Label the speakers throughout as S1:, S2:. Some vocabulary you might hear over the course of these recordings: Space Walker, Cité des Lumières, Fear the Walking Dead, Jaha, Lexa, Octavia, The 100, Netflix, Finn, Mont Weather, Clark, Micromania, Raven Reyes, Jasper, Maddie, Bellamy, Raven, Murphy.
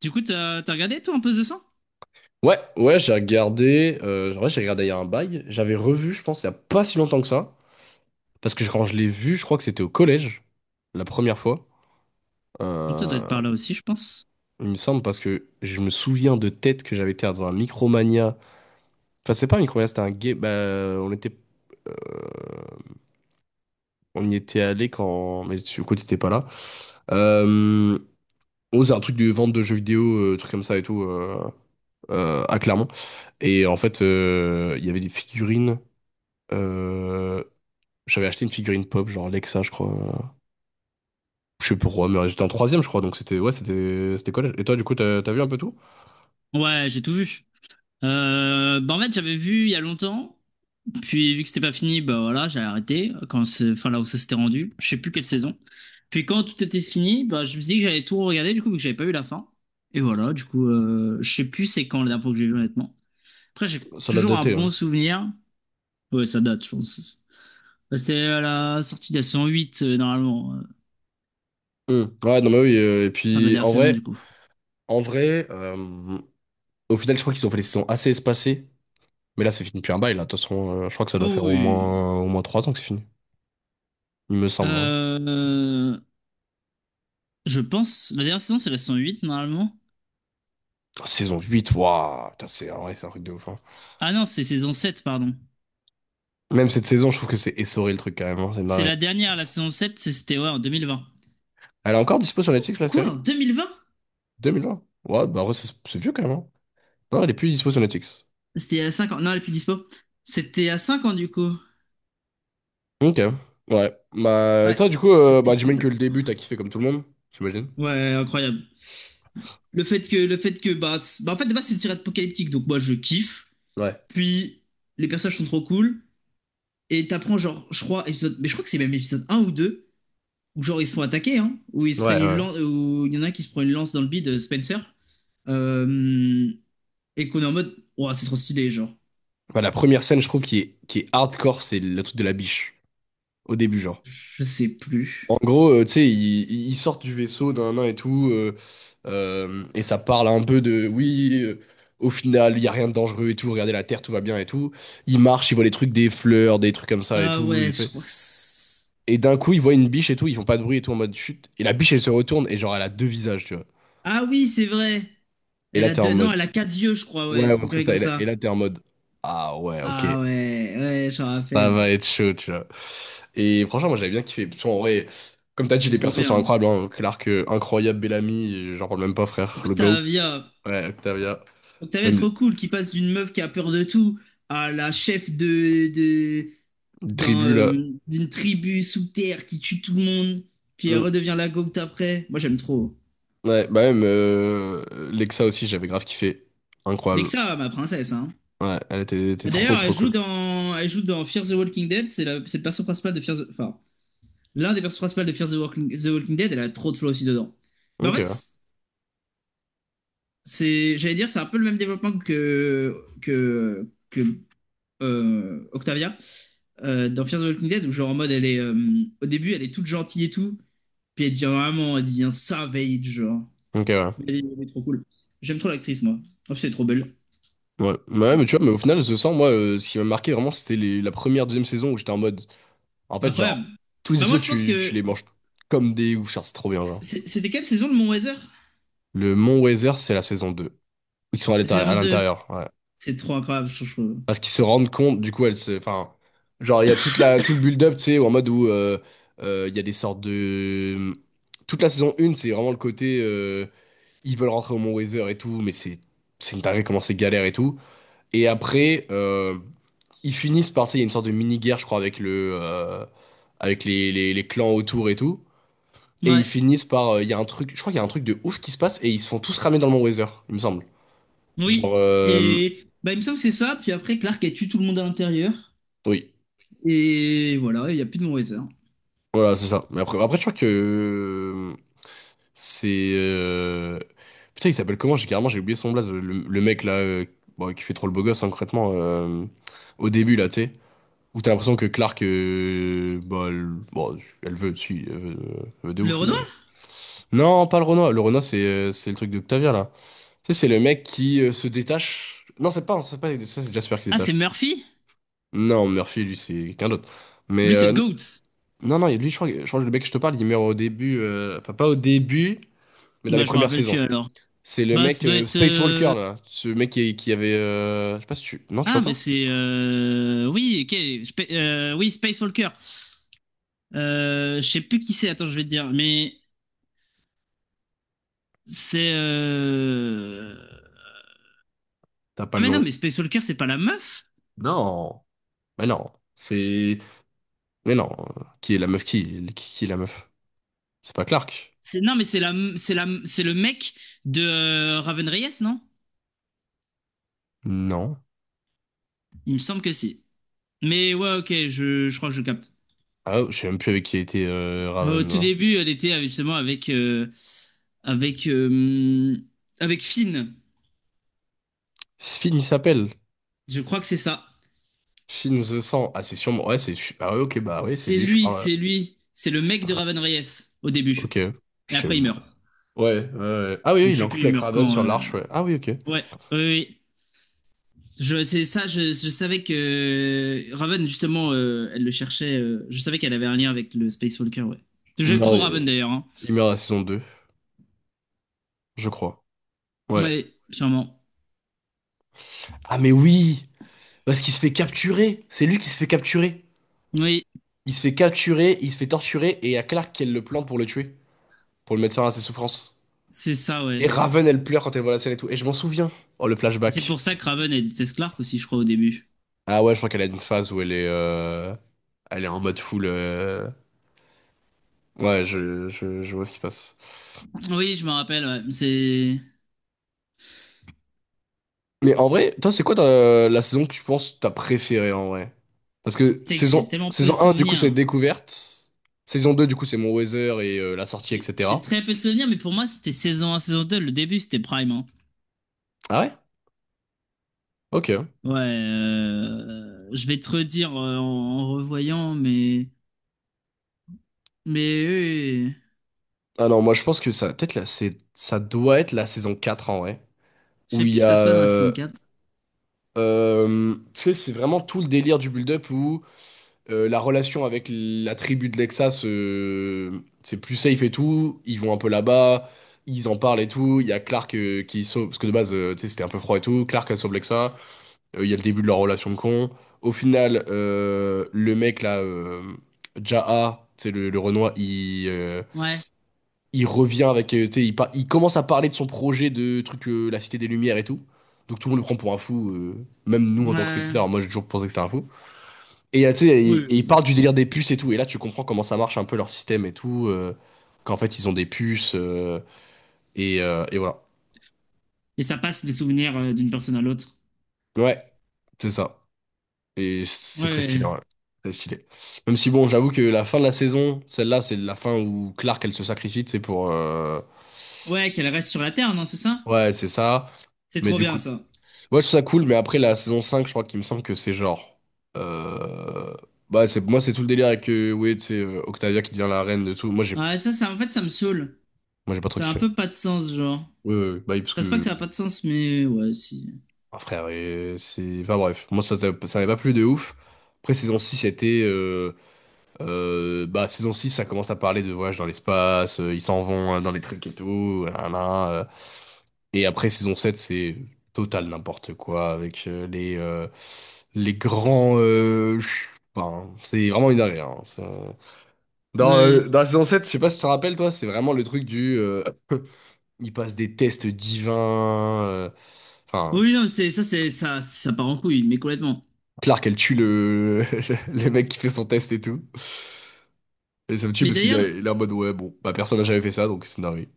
S1: Du coup, t'as regardé toi un peu The 100?
S2: Ouais, ouais, j'ai regardé. En vrai, j'ai regardé il y a un bail. J'avais revu, je pense, il y a pas si longtemps que ça. Parce que quand je l'ai vu, je crois que c'était au collège, la première fois.
S1: Toi, doit
S2: Euh,
S1: être par là aussi, je pense.
S2: il me semble, parce que je me souviens de tête que j'avais été dans un Micromania. Enfin, c'est pas un Micromania, c'était un game. Bah, euh, on y était allé quand. Mais tu, écoute, t'étais pas là. Euh, oh, c'est un truc de vente de jeux vidéo, truc comme ça et tout, à Clermont. Et en fait, il y avait des figurines. euh, J'avais acheté une figurine pop, genre Lexa, je crois. Je sais plus pourquoi, mais j'étais en troisième, je crois, donc c'était ouais, c'était c'était collège. Et toi, du coup, t'as vu un peu tout?
S1: Ouais, j'ai tout vu. Bah en fait, j'avais vu il y a longtemps, puis vu que c'était pas fini, bah voilà, j'ai arrêté quand enfin là où ça s'était rendu. Je sais plus quelle saison. Puis quand tout était fini, bah je me suis dit que j'allais tout regarder du coup vu que j'avais pas eu la fin. Et voilà, du coup, je sais plus c'est quand la dernière fois que j'ai vu honnêtement. Après, j'ai
S2: Ça l'a
S1: toujours un
S2: daté,
S1: bon
S2: hein.
S1: souvenir. Ouais, ça date, je pense. Bah, c'était à la sortie de la saison 8, normalement,
S2: Hmm. Ouais, non, mais oui. Et
S1: fin de la
S2: puis,
S1: dernière
S2: en
S1: saison
S2: vrai,
S1: du coup.
S2: en vrai, euh, au final, je crois qu'ils ont fait des saisons assez espacées. Mais là, c'est fini depuis un bail, là. De toute façon, je crois que ça doit
S1: Oh
S2: faire au
S1: oui.
S2: moins au moins trois ans que c'est fini. Il me semble, hein.
S1: Euh, Je pense. La dernière saison, c'est la saison 8 normalement.
S2: Saison huit, waouh! Putain, c'est en vrai, c'est un truc de ouf, hein.
S1: Ah non, c'est saison 7, pardon.
S2: Même cette saison, je trouve que c'est essoré le truc quand même, hein, c'est
S1: C'est
S2: marrant.
S1: la dernière, la saison 7, c'était ouais, en 2020.
S2: Elle est encore dispo sur
S1: Oh,
S2: Netflix, la
S1: quoi, en
S2: série?
S1: 2020?
S2: 2020? Ouais, bah, en vrai, c'est vieux quand même, hein. Non, elle est plus dispo sur Netflix.
S1: C'était à cinq ans. Non, elle est plus dispo. C'était à 5 ans, du coup.
S2: Ok, ouais. Bah, et
S1: Ouais,
S2: toi, du coup,
S1: c'était
S2: bah, j'imagine
S1: celle-là.
S2: que le début, t'as kiffé comme tout le monde, j'imagine.
S1: Ouais, incroyable. Le fait que, bah, c'est- bah, en fait, de base, c'est une série apocalyptique, donc moi, je kiffe.
S2: Ouais,
S1: Puis, les personnages sont trop cool. Et t'apprends, genre, je crois que c'est même épisode un ou 2 où genre, ils se font attaquer, hein, où ils se
S2: ouais,
S1: prennent une
S2: ouais.
S1: lance, où il y en a un qui se prend une lance dans le bide, Spencer. Euh, et qu'on est en mode, ouah, c'est trop stylé, genre.
S2: Bah, la première scène, je trouve, qui est hardcore, c'est le truc de la biche, au début, genre.
S1: Je sais plus.
S2: En gros, tu sais, ils sortent du vaisseau d'un nain et tout, et ça parle un peu de, oui, au final, il y a rien de dangereux et tout, regardez la Terre, tout va bien et tout. Ils marchent, ils voient les trucs, des fleurs, des trucs comme ça et
S1: Ah
S2: tout, des
S1: ouais, je
S2: faits.
S1: crois que c'est-
S2: Et d'un coup, ils voient une biche et tout, ils font pas de bruit et tout, en mode chute. Et la biche, elle se retourne, et genre, elle a deux visages, tu vois.
S1: Ah oui, c'est vrai.
S2: Et
S1: Elle
S2: là,
S1: a
S2: t'es en
S1: deux... Non,
S2: mode...
S1: elle a quatre yeux, je crois,
S2: Ouais,
S1: ouais.
S2: on
S1: Une
S2: comme
S1: grille
S2: ça. Et
S1: comme
S2: là,
S1: ça.
S2: t'es en mode, ah ouais, ok,
S1: Ah ouais, ouais, je me
S2: ça
S1: rappelle.
S2: va être chaud, tu vois. Et franchement, moi, j'avais bien kiffé. Parce qu'en vrai, comme t'as dit,
S1: C'est
S2: les
S1: trop
S2: persos sont
S1: bien.
S2: incroyables, hein. Clark, incroyable, Bellamy, j'en parle même pas, frère. Le GOAT.
S1: Octavia.
S2: Ouais, Octavia.
S1: Octavia,
S2: Même
S1: trop
S2: les
S1: cool, qui passe d'une meuf qui a peur de tout à la chef de, de, d'un,
S2: tribus, là.
S1: euh, d'une tribu sous terre qui tue tout le monde. Puis elle
S2: Mm.
S1: redevient la gocte après. Moi, j'aime trop.
S2: Ouais, bah même Lexa aussi, j'avais grave kiffé. Incroyable.
S1: Lexa, ma princesse, hein.
S2: Ouais, était
S1: Bah,
S2: trop,
S1: d'ailleurs,
S2: trop cool.
S1: elle joue dans Fear the Walking Dead. C'est le personnage principal de l'un des personnages principaux de the Walking Dead. Elle a trop de flow aussi dedans. Bah, en
S2: Ok, ouais.
S1: fait, j'allais dire, c'est un peu le même développement que Octavia dans Fear the Walking Dead, où genre en mode, au début, elle est toute gentille et tout, puis elle devient savage, genre.
S2: Ok,
S1: Mais
S2: ouais.
S1: elle est, elle est trop cool. J'aime trop l'actrice, moi. En plus, elle est trop belle.
S2: Ouais. Bah ouais, mais tu vois, mais au final, je sens, moi, ce qui m'a marqué vraiment, c'était la première, deuxième saison où j'étais en mode. En fait, genre,
S1: Incroyable.
S2: tous les
S1: Bah, moi,
S2: épisodes,
S1: je pense
S2: tu
S1: que
S2: les manges comme des ouf, genre, c'est trop bien, genre.
S1: c'était quelle saison de Mon Weather?
S2: Le Mont Weather, c'est la saison 2. Ils sont
S1: C'est saison
S2: à
S1: 2.
S2: l'intérieur, ouais.
S1: C'est trop incroyable, je trouve.
S2: Parce qu'ils se rendent compte, du coup, elle se, enfin, genre, il y a tout le build-up, tu sais, en mode où il y a des sortes de... Toute la saison 1, c'est vraiment le côté, ils veulent rentrer au Mont Weather et tout, c'est une dinguerie comment c'est galère et tout. Et après, ils finissent par, tu sais, il y a une sorte de mini-guerre, je crois, avec avec les clans autour et tout. Et ils
S1: Ouais,
S2: finissent par. Il y a un truc, je crois qu'il y a un truc de ouf qui se passe et ils se font tous ramer dans le Mont Weather, il me semble. Genre,
S1: oui.
S2: euh,
S1: Et bah, il me semble que c'est ça. Puis après, Clark a tué tout le monde à l'intérieur.
S2: oui,
S1: Et voilà, il n'y a plus de Morizer.
S2: voilà, c'est ça. Mais après, je crois que euh, c'est. Putain, il s'appelle comment? J'ai carrément j'ai oublié son blaze. Le mec là, bon, qui fait trop le beau gosse, hein, concrètement, au début là, tu sais. Où t'as l'impression que Clark, bah, elle, bon, elle veut, si, elle veut de
S1: Le
S2: ouf, mais.
S1: Renoir.
S2: Non, pas le Renoir. Le Renoir, c'est le truc d'Octavia là. Tu sais, c'est le mec qui se détache. Non, c'est pas ça, c'est Jasper qui se
S1: Ah, c'est
S2: détache.
S1: Murphy.
S2: Non, Murphy, lui, c'est quelqu'un d'autre. Mais
S1: Lui, c'est le Goat.
S2: non, lui, je crois, je crois que le mec que je te parle, il meurt au début. Enfin, pas au début, mais dans les
S1: Bah, je me
S2: premières
S1: rappelle plus
S2: saisons.
S1: alors.
S2: C'est le
S1: Bah,
S2: mec
S1: ça doit être.
S2: Space Walker, là. Ce mec qui avait. Je sais pas si tu. Non, tu vois
S1: Ah, mais
S2: pas?
S1: c'est. Oui, ok. Oui, Space Walker. Je sais plus qui c'est, attends, je vais te dire. Mais c'est.
S2: T'as pas
S1: Ah,
S2: le
S1: mais non,
S2: nom.
S1: mais Space Walker, c'est pas la meuf.
S2: Non. Mais non. C'est. Mais non. Qui est la meuf? Qui est la meuf? C'est pas Clark?
S1: C'est, non, mais c'est le mec de Raven Reyes, non?
S2: Non.
S1: Il me semble que si. Mais ouais, ok, je crois que je capte.
S2: Ah, je sais même plus avec qui a été
S1: Au
S2: Raven.
S1: tout
S2: Là.
S1: début, elle était justement avec, euh, avec Finn.
S2: Finn, il s'appelle.
S1: Je crois que c'est ça.
S2: Shin the Sang. Ah, c'est sûrement. Ouais, c'est. Ah, ouais, ok, bah oui, c'est
S1: C'est
S2: lui, je
S1: lui,
S2: parle.
S1: c'est lui. C'est le mec de Raven Reyes au
S2: Ok.
S1: début.
S2: Je
S1: Mais après, il meurt.
S2: ouais, ah, oui,
S1: Donc, je
S2: il est en
S1: sais plus,
S2: couple
S1: il
S2: avec
S1: meurt
S2: Raven
S1: quand.
S2: sur l'arche, ouais. Ah, oui, ok.
S1: Ouais, oui, oui, oui. C'est ça, je savais que Raven, justement, elle le cherchait. Euh, je savais qu'elle avait un lien avec le Space Walker, ouais.
S2: Il
S1: J'aime
S2: meurt,
S1: trop Raven
S2: euh,
S1: d'ailleurs. Hein.
S2: il meurt à la saison 2, je crois. Ouais.
S1: Oui, sûrement.
S2: Ah, mais oui! Parce qu'il se fait capturer! C'est lui qui se fait capturer!
S1: Oui,
S2: Il se fait capturer, il se fait torturer, et il y a Clark qui elle le plante pour le tuer, pour le mettre fin à ses souffrances.
S1: c'est ça, ouais.
S2: Et Raven, elle pleure quand elle voit la scène et tout. Et je m'en souviens. Oh, le
S1: C'est pour
S2: flashback.
S1: ça que Raven elle déteste Clark aussi, je crois, au début.
S2: Ah, ouais, je crois qu'elle a une phase où elle est. Elle est en mode full. Ouais, je vois ce qui se passe.
S1: Oui, je me rappelle, ouais. C'est.
S2: Mais en vrai, toi, c'est quoi la saison que tu penses que t'as préférée en vrai? Parce que
S1: C'est que j'ai tellement peu de
S2: saison un du coup, c'est
S1: souvenirs.
S2: découverte. Saison 2 du coup, c'est mon weather et la sortie,
S1: J'ai
S2: etc.
S1: très peu de souvenirs, mais pour moi, c'était saison un, saison 2, le début, c'était Prime. Hein.
S2: Ah ouais? Ok.
S1: Ouais, je vais te redire en revoyant, mais. Mais oui, oui, oui.
S2: Ah non, moi, je pense que ça, peut-être là, c'est, ça doit être la saison 4 en vrai.
S1: Je
S2: Où
S1: sais
S2: il y
S1: plus, je
S2: a.
S1: passe quoi dans la saison 4.
S2: Tu sais, c'est vraiment tout le délire du build-up. La relation avec la tribu de Lexas, c'est plus safe et tout. Ils vont un peu là-bas, ils en parlent et tout. Il y a Clark qui sauve, parce que de base, tu sais, c'était un peu froid et tout. Clark, elle sauve Lexa. Il y a le début de leur relation de con. Au final, le mec là, Jaha, tu sais, le Renoir,
S1: Ouais,
S2: il revient avec, tu sais, il commence à parler de son projet de truc, la Cité des Lumières et tout. Donc tout le monde le prend pour un fou, même nous en tant que
S1: ouais,
S2: spectateurs. Moi, j'ai toujours pensé que c'était un fou. Et tu sais,
S1: oui, oui,
S2: ils parlent
S1: oui.
S2: du délire des puces et tout. Et là, tu comprends comment ça marche un peu leur système et tout. Qu'en fait, ils ont des puces. Et voilà.
S1: Et ça passe les souvenirs d'une personne à l'autre.
S2: Ouais, c'est ça. Et c'est très stylé,
S1: Ouais,
S2: ouais. Très stylé. Même si, bon, j'avoue que la fin de la saison, celle-là, c'est la fin où Clark, elle se sacrifie, c'est pour.
S1: ouais, qu'elle reste sur la Terre, non, c'est ça?
S2: Ouais, c'est ça.
S1: C'est
S2: Mais
S1: trop
S2: du
S1: bien
S2: coup.
S1: ça.
S2: Ouais, je trouve ça cool. Mais après, la saison 5 je crois qu'il me semble que c'est genre. euh, Bah, c'est... moi, c'est tout le délire avec. Ouais, tu sais, Octavia qui devient la reine de tout. Moi, j'ai
S1: Ouais, en fait, ça me saoule.
S2: moi, j'ai pas trop
S1: Ça a un
S2: kiffé.
S1: peu pas de sens, genre. Enfin,
S2: Ouais, ouais, ouais. Bah, oui, parce
S1: c'est pas que
S2: que
S1: ça a pas de sens, mais ouais, si.
S2: ah, frère, et c'est... Enfin bref, moi ça m'avait pas plu de ouf. Après, saison 6 c'était... bah, saison 6 ça commence à parler de voyage dans l'espace, ils s'en vont hein, dans les trucs et tout, Et après, saison 7 c'est total n'importe quoi, avec les grands... Enfin, c'est vraiment une dinguerie, hein, ça. Dans,
S1: Ouais.
S2: euh, dans la saison 7 je sais pas si tu te rappelles, toi, c'est vraiment le truc du... ils passent des tests divins... Enfin,
S1: Oui, non, c'est ça, ça part en couille, mais complètement.
S2: Clark, elle tue le... le mec qui fait son test et tout. Et ça me tue
S1: Mais
S2: parce
S1: d'ailleurs,
S2: il est en mode, ouais, bon, bah personne n'a jamais fait ça, donc c'est dingue.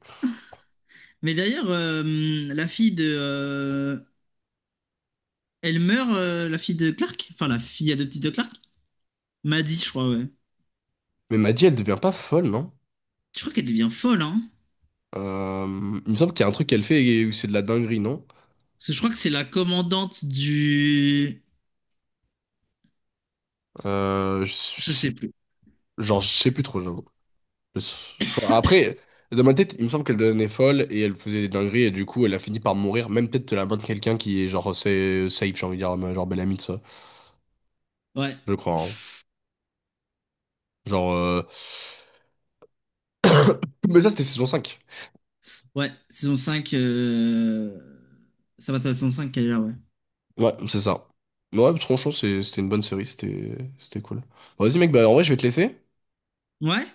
S1: mais d'ailleurs, la fille de, euh, elle meurt, la fille de Clark, enfin la fille adoptive de Clark, Maddie, je crois, ouais.
S2: Mais Maddy, elle devient pas folle, non?
S1: Je crois qu'elle devient folle, hein.
S2: Il me semble qu'il y a un truc qu'elle fait et où c'est de la dinguerie, non?
S1: Parce que je crois que c'est la commandante du,
S2: Euh, je
S1: je
S2: sais-
S1: sais plus.
S2: genre, je sais plus trop, j'avoue. Je- Après, dans ma tête, il me semble qu'elle devenait folle et elle faisait des dingueries et du coup, elle a fini par mourir, même peut-être de la main de quelqu'un qui est genre c'est safe, j'ai envie de dire, genre belle amie, de ça.
S1: Ouais,
S2: Je crois, hein. Genre... euh, Mais ça, c'était saison cinq.
S1: ouais, saison 5. Euh, ça va, ta saison 5 qu'elle est là, ouais.
S2: Ouais, c'est ça. Mais ouais, franchement, c'était une bonne série, c'était c'était cool. Bon, vas-y, mec, bah en vrai, je vais te laisser.
S1: Ouais?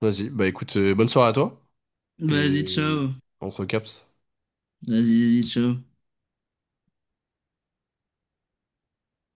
S2: Vas-y, bah écoute, bonne soirée à toi.
S1: Vas-y,
S2: Et
S1: ciao.
S2: on te recaps.
S1: Vas-y, vas-y, ciao.